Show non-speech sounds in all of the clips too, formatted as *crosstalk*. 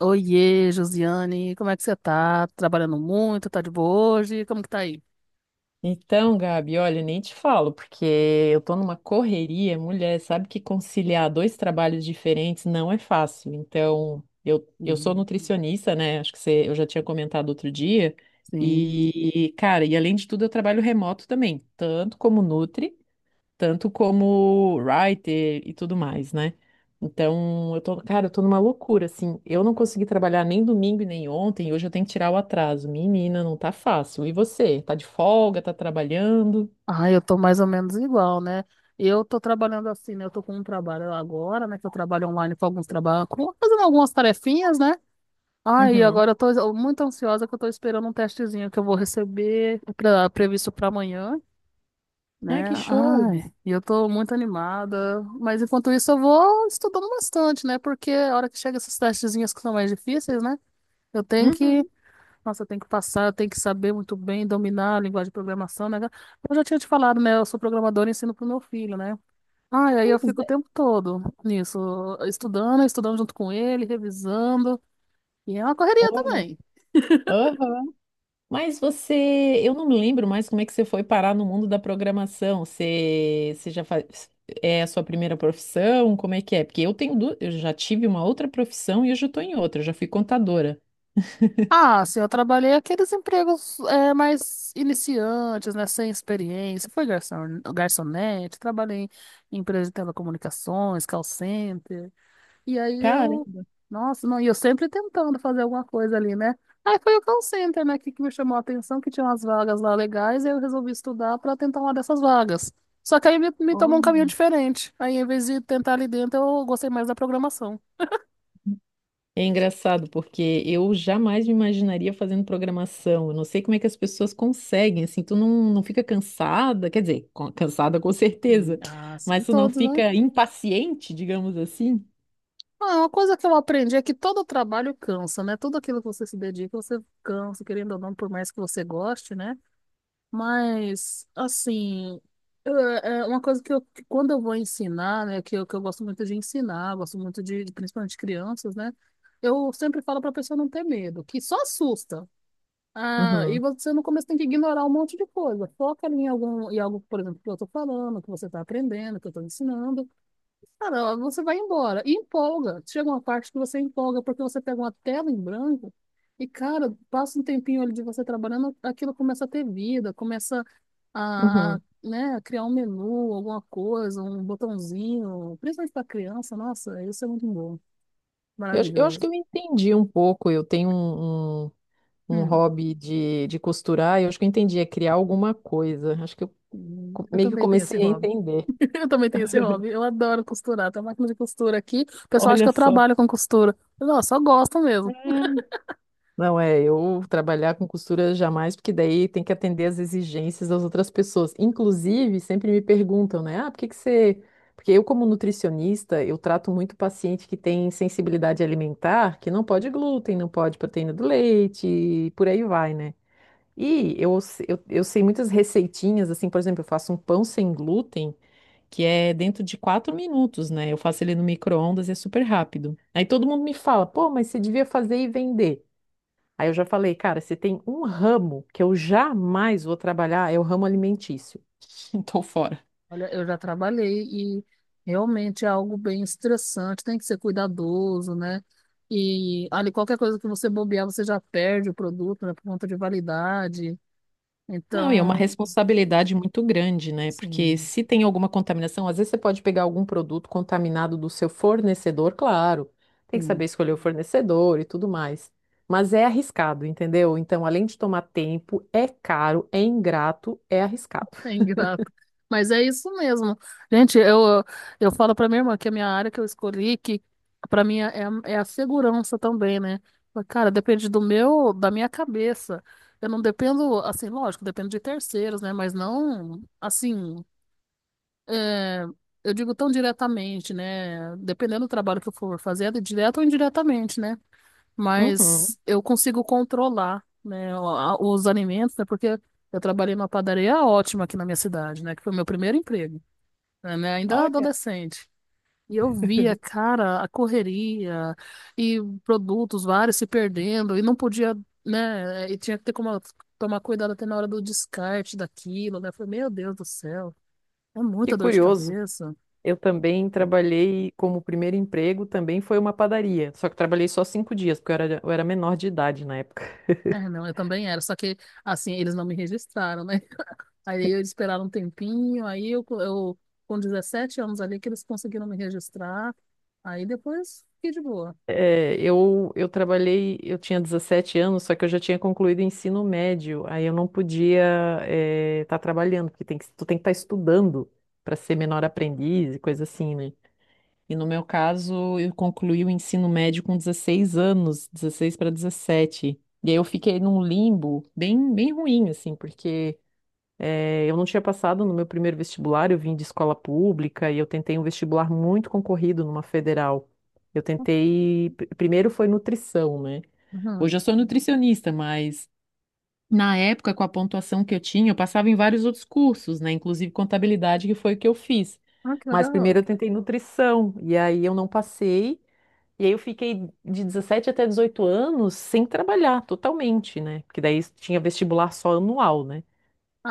Oiê, Josiane, como é que você tá? Trabalhando muito, tá de boa hoje? Como que tá aí? Então, Gabi, olha, nem te falo, porque eu tô numa correria, mulher, sabe que conciliar dois trabalhos diferentes não é fácil. Então, eu sou Uhum. nutricionista, né? Acho que você, eu já tinha comentado outro dia. Sim. E, cara, e além de tudo, eu trabalho remoto também, tanto como writer e tudo mais, né? Então, cara, eu tô numa loucura, assim. Eu não consegui trabalhar nem domingo e nem ontem, e hoje eu tenho que tirar o atraso. Menina, não tá fácil. E você? Tá de folga, tá trabalhando? Ah, eu tô mais ou menos igual, né? Eu tô trabalhando assim, né? Eu tô com um trabalho agora, né? Que eu trabalho online com alguns trabalhos, fazendo algumas tarefinhas, né? Aí Uhum. agora eu tô muito ansiosa que eu tô esperando um testezinho que eu vou receber previsto para amanhã, Ai, né? que show! Ai, e eu tô muito animada. Mas enquanto isso eu vou estudando bastante, né? Porque a hora que chega esses testezinhos que são mais difíceis, né? Eu tenho que, Uhum. nossa, eu tenho que passar, eu tenho que saber muito bem, dominar a linguagem de programação, né? Eu já tinha te falado, né? Eu sou programadora e ensino pro meu filho, né? Ah, e aí eu Pois fico o é. tempo todo nisso, estudando, estudando junto com ele, revisando, e é uma correria Olha. também. Aham. Mas você, eu não me lembro mais como é que você foi parar no mundo da programação. Você já faz, é a sua primeira profissão? Como é que é? Porque eu tenho, eu já tive uma outra profissão e hoje eu estou em outra, eu já fui contadora. Ah, sim, eu trabalhei aqueles empregos é, mais iniciantes, né? Sem experiência. Foi garçon, garçonete, trabalhei em empresa de telecomunicações, call center. E aí Cara. eu, nossa, não, e eu sempre tentando fazer alguma coisa ali, né? Aí foi o call center, né, que me chamou a atenção, que tinha umas vagas lá legais, e eu resolvi estudar para tentar uma dessas vagas. Só que aí me tomou um caminho Olha. diferente. Aí, em vez de tentar ali dentro, eu gostei mais da programação. É engraçado porque eu jamais me imaginaria fazendo programação. Eu não sei como é que as pessoas conseguem, assim, tu não fica cansada, quer dizer, cansada com Hum. certeza, Ah, sim, mas tu não todos, né? fica impaciente, digamos assim. Ah, uma coisa que eu aprendi é que todo trabalho cansa, né? Tudo aquilo que você se dedica, você cansa, querendo ou não, por mais que você goste, né? Mas, assim, é uma coisa que quando eu vou ensinar, né, que eu gosto muito de ensinar, gosto muito principalmente crianças, né, eu sempre falo para a pessoa não ter medo, que só assusta. Ah, e Uhum, você no começo tem que ignorar um monte de coisa. Foca ali em algum, em algo, por exemplo, que eu estou falando, que você está aprendendo, que eu estou ensinando. Cara, você vai embora e empolga. Chega uma parte que você empolga porque você pega uma tela em branco e, cara, passa um tempinho ali de você trabalhando, aquilo começa a ter vida, começa uhum. né, a criar um menu, alguma coisa, um botãozinho, principalmente para criança. Nossa, isso é muito bom, Eu acho que maravilhoso. eu entendi um pouco. Eu tenho um Hum, hobby de costurar, eu acho que eu entendi, é criar alguma coisa. Acho que eu Eu meio que também tenho esse comecei a hobby. entender. *laughs* Eu também tenho esse hobby. Eu adoro costurar. Tem uma máquina de costura aqui. O pessoal acha Olha que eu só. trabalho com costura. Nossa, só gosto mesmo. Não é, eu trabalhar com costura jamais, porque daí tem que atender às exigências das outras pessoas. Inclusive, sempre me perguntam, né? Ah, por que que você. Porque eu, como nutricionista, eu trato muito paciente que tem sensibilidade alimentar, que não pode glúten, não pode proteína do leite, e por aí vai, né? E eu, se- eu sei muitas receitinhas, assim, por exemplo, eu faço um pão sem glúten, que é dentro de 4 minutos, né? Eu faço ele no micro-ondas e é super rápido. Aí todo mundo me fala, pô, mas você devia fazer e vender. Aí eu já falei, cara, se tem um ramo que eu jamais vou trabalhar, é o ramo alimentício. *laughs* Então, fora. Olha, eu já trabalhei e realmente é algo bem estressante, tem que ser cuidadoso, né? E ali qualquer coisa que você bobear, você já perde o produto, né, por conta de validade. Não, e é uma Então, responsabilidade muito grande, né? Porque sim, se tem alguma contaminação, às vezes você pode pegar algum produto contaminado do seu fornecedor, claro. Tem que saber sim, escolher o fornecedor e tudo mais. Mas é arriscado, entendeu? Então, além de tomar tempo, é caro, é ingrato, é *laughs* arriscado. é ingrato. Mas é isso mesmo. Gente, eu falo para minha irmã que a minha área que eu escolhi, que para mim é, é a segurança também, né? Mas, cara, depende do meu, da minha cabeça. Eu não dependo, assim, lógico, dependo de terceiros, né? Mas não, assim. É, eu digo tão diretamente, né? Dependendo do trabalho que eu for fazer, é direto ou indiretamente, né? Uhum. Mas eu consigo controlar, né, os alimentos, né? Porque eu trabalhei numa padaria ótima aqui na minha cidade, né? Que foi o meu primeiro emprego, né? Né, ainda Olha. adolescente. E eu via, cara, a correria e produtos vários se perdendo e não podia, né? E tinha que ter como tomar cuidado até na hora do descarte daquilo, né? Eu falei, meu Deus do céu, é Que muita dor de curioso. cabeça. Eu também trabalhei como primeiro emprego, também foi uma padaria. Só que trabalhei só 5 dias, porque eu era menor de idade na época. É, não, eu também era, só que assim, eles não me registraram, né? *laughs* Aí eu esperaram um tempinho, aí eu com 17 anos ali que eles conseguiram me registrar, aí depois fiquei de boa. É, eu trabalhei, eu tinha 17 anos, só que eu já tinha concluído o ensino médio, aí eu não podia estar trabalhando, porque tem que, tu tem que estar estudando para ser menor aprendiz e coisa assim, né? E no meu caso, eu concluí o ensino médio com 16 anos, 16 para 17, e aí eu fiquei num limbo bem, bem ruim, assim, porque é, eu não tinha passado no meu primeiro vestibular, eu vim de escola pública e eu tentei um vestibular muito concorrido numa federal. Eu tentei, primeiro foi nutrição, né? Uhum. Hoje eu sou nutricionista, mas na época, com a pontuação que eu tinha, eu passava em vários outros cursos, né? Inclusive contabilidade, que foi o que eu fiz. Ah, que Mas primeiro legal. eu tentei nutrição, e aí eu não passei, e aí eu fiquei de 17 até 18 anos sem trabalhar totalmente, né? Porque daí tinha vestibular só anual, né?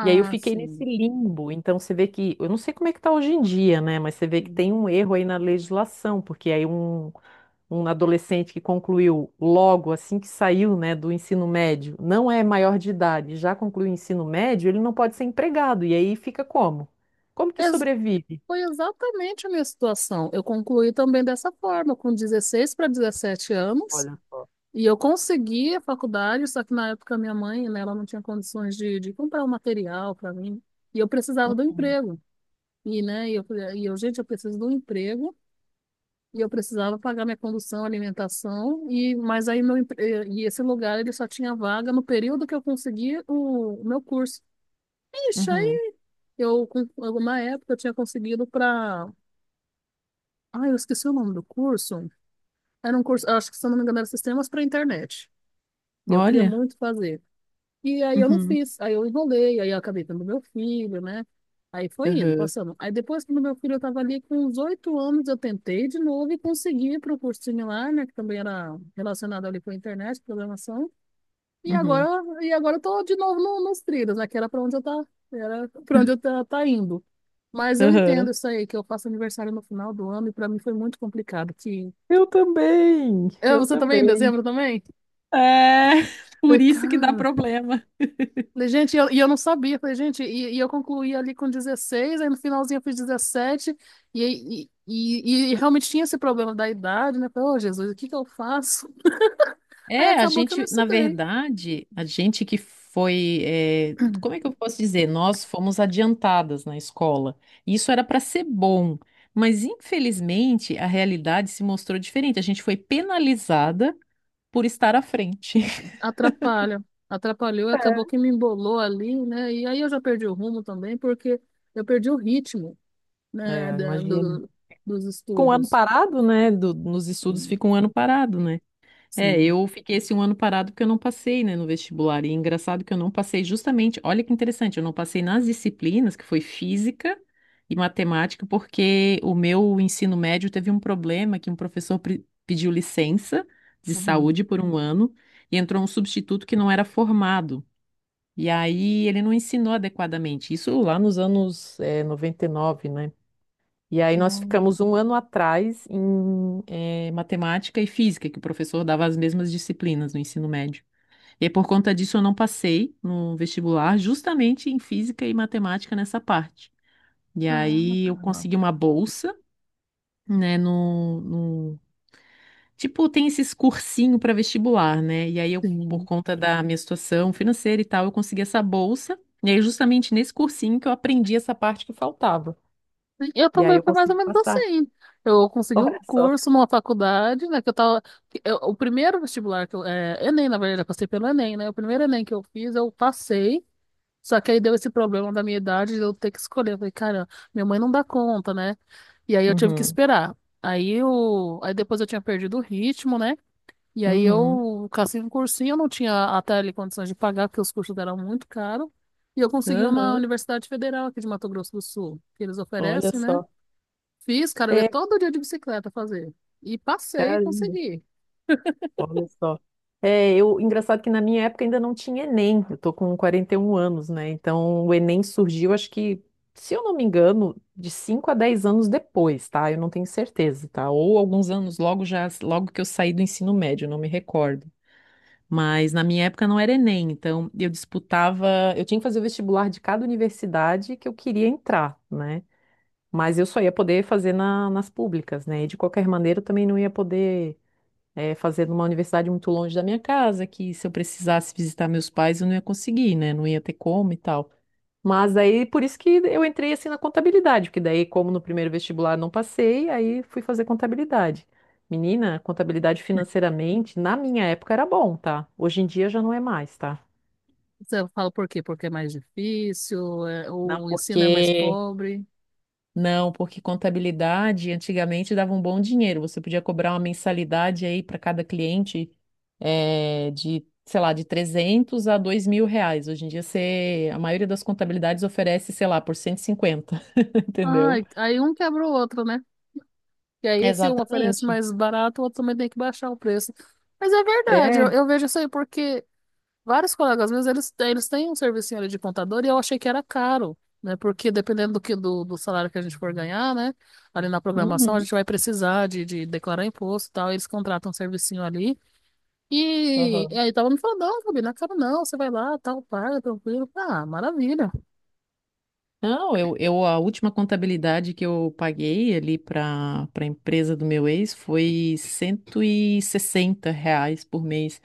E aí eu fiquei nesse sim. limbo. Então você vê que, eu não sei como é que tá hoje em dia, né? Mas você vê que Sim. tem um erro aí na legislação, porque aí um adolescente que concluiu logo assim que saiu, né, do ensino médio, não é maior de idade, já concluiu o ensino médio, ele não pode ser empregado. E aí fica como? Como que Ex- sobrevive? foi exatamente a minha situação. Eu concluí também dessa forma, com 16 para 17 anos, Olha só. e eu consegui a faculdade, só que na época minha mãe, né, ela não tinha condições de comprar o material para mim, e eu precisava do emprego. E, né, gente, eu preciso de um emprego e eu precisava pagar minha condução, alimentação, e mas aí e esse lugar ele só tinha vaga no período que eu consegui o meu curso. Ixi, Uhum. aí eu, com alguma época, eu tinha conseguido para. Ai, eu esqueci o nome do curso. Era um curso, acho que se eu não me engano, era Sistemas para Internet. E eu queria Olha. muito fazer. E aí eu não Uhum. fiz, aí eu enrolei, aí eu acabei tendo meu filho, né? Aí foi indo, Uhum. passando. Aí depois que meu filho estava ali com uns 8 anos, eu tentei de novo e consegui para um curso similar, né? Que também era relacionado ali com a internet, programação. E Uhum. agora, e agora eu tô de novo no, nos trilhos, né? Que era para onde eu tá, era para onde eu tá, tá indo. Mas eu Uhum. entendo isso aí, que eu faço aniversário no final do ano e para mim foi muito complicado que... Eu também, Ah, eu você também, em também. dezembro também? É, *laughs* Falei, por isso que dá cara, problema. falei, gente, e eu não sabia. Falei, gente, e eu concluí ali com 16, aí no finalzinho eu fiz 17, e realmente tinha esse problema da idade, né? Falei, ô Jesus, o que que eu faço? *laughs* Aí É, a acabou que eu não gente, na estudei. verdade, a gente que foi, como é que eu posso dizer? Nós fomos adiantadas na escola. Isso era para ser bom, mas infelizmente a realidade se mostrou diferente. A gente foi penalizada por estar à frente. Atrapalha. Atrapalhou, e acabou *laughs* que me embolou ali, né? E aí eu já perdi o rumo também, porque eu perdi o ritmo, né, É, imagino. Dos Com um ano estudos. parado, né? Nos estudos Sim. fica um ano parado, né? É, Sim. eu fiquei esse um ano parado porque eu não passei, né, no vestibular. E é engraçado que eu não passei justamente, olha que interessante, eu não passei nas disciplinas, que foi física e matemática, porque o meu ensino médio teve um problema que um professor pediu licença de saúde Uhum. por um ano e entrou um substituto que não era formado. E aí ele não ensinou adequadamente. Isso lá nos anos, 99, né? E aí nós ficamos um ano atrás em matemática e física, que o professor dava as mesmas disciplinas no ensino médio. E por conta disso eu não passei no vestibular, justamente em física e matemática nessa parte. E Nossa, aí eu caraca. consegui uma bolsa, né. Tipo, tem esses cursinho para vestibular, né? E aí eu, por Sim. conta da minha situação financeira e tal, eu consegui essa bolsa. E aí justamente nesse cursinho que eu aprendi essa parte que faltava. Eu E aí também eu foi mais ou consegui menos passar. assim. Eu *laughs* consegui um Olha só. curso numa faculdade, né, que eu tava... o primeiro vestibular que eu... É, Enem, na verdade, eu passei pelo Enem, né? O primeiro Enem que eu fiz, eu passei, só que aí deu esse problema da minha idade de eu ter que escolher. Eu falei, cara, minha mãe não dá conta, né? E aí eu tive que Uhum. esperar. Aí eu... Aí depois eu tinha perdido o ritmo, né? E aí Uhum, eu cassei um cursinho, eu não tinha até ali condições de pagar, porque os cursos eram muito caros. E eu consegui um na aham, Universidade Federal aqui de Mato Grosso do Sul, que eles olha oferecem, né? só. Fiz, cara, eu ia É, todo dia de bicicleta fazer. E passei e caramba, consegui. olha só. É, eu, engraçado que na minha época ainda não tinha Enem. Eu tô com 41 anos, né? Então o Enem surgiu, acho que, se eu não me engano, de 5 a 10 anos depois, tá? Eu não tenho certeza, tá? Ou alguns anos logo já, logo que eu saí do ensino médio, eu não me recordo. Mas na minha época não era Enem, então eu disputava, eu tinha que fazer o vestibular de cada universidade que eu queria entrar, né? Mas eu só ia poder fazer nas públicas, né? E de qualquer maneira eu também não ia poder fazer numa universidade muito longe da minha casa, que se eu precisasse visitar meus pais eu não ia conseguir, né? Não ia ter como e tal. Mas aí por isso que eu entrei assim na contabilidade, porque daí, como no primeiro vestibular não passei, aí fui fazer contabilidade. Menina, contabilidade financeiramente, na minha época era bom, tá? Hoje em dia já não é mais, tá? Você fala por quê? Porque é mais difícil, Não, o ensino é mais porque pobre. não, porque contabilidade antigamente dava um bom dinheiro. Você podia cobrar uma mensalidade aí para cada cliente sei lá, de 300 a 2.000 reais. Hoje em dia você, a maioria das contabilidades oferece, sei lá, por 150. *laughs* Entendeu? Ai, aí um quebra o outro, né? E aí se um oferece Exatamente. mais barato, o outro também tem que baixar o preço. Mas é verdade, É. eu vejo isso aí porque vários colegas meus, eles têm um serviço ali de contador e eu achei que era caro, né? Porque dependendo do salário que a gente for ganhar, né? Ali na programação, a Uhum. gente vai precisar de declarar imposto e tal. Eles contratam um servicinho ali. E Aham. aí tava me falando, não, Fabi, não quero não, você vai lá, tal, paga, tranquilo. Ah, maravilha. Não, eu a última contabilidade que eu paguei ali para a empresa do meu ex foi 160 reais por mês.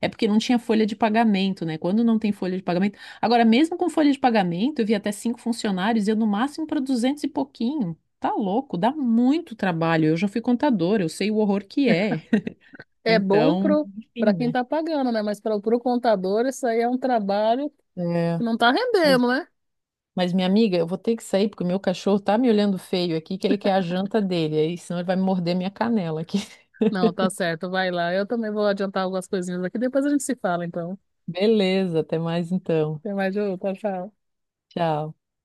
É porque não tinha folha de pagamento, né? Quando não tem folha de pagamento. Agora, mesmo com folha de pagamento, eu vi até 5 funcionários, e eu no máximo para 200 e pouquinho. Tá louco, dá muito trabalho. Eu já fui contadora, eu sei o horror que é. *laughs* É bom Então, pra enfim, quem né? tá pagando, né? Mas para pro contador, isso aí é um trabalho que É, não tá mas, rendendo, né? mas, minha amiga, eu vou ter que sair porque o meu cachorro tá me olhando feio aqui, que ele quer a janta dele, aí senão ele vai me morder minha canela aqui. *laughs* Não, tá certo, vai lá. Eu também vou adiantar algumas coisinhas aqui, depois a gente se fala, então. Beleza, até mais então. Até mais, Ju, tchau, tchau. Tchau.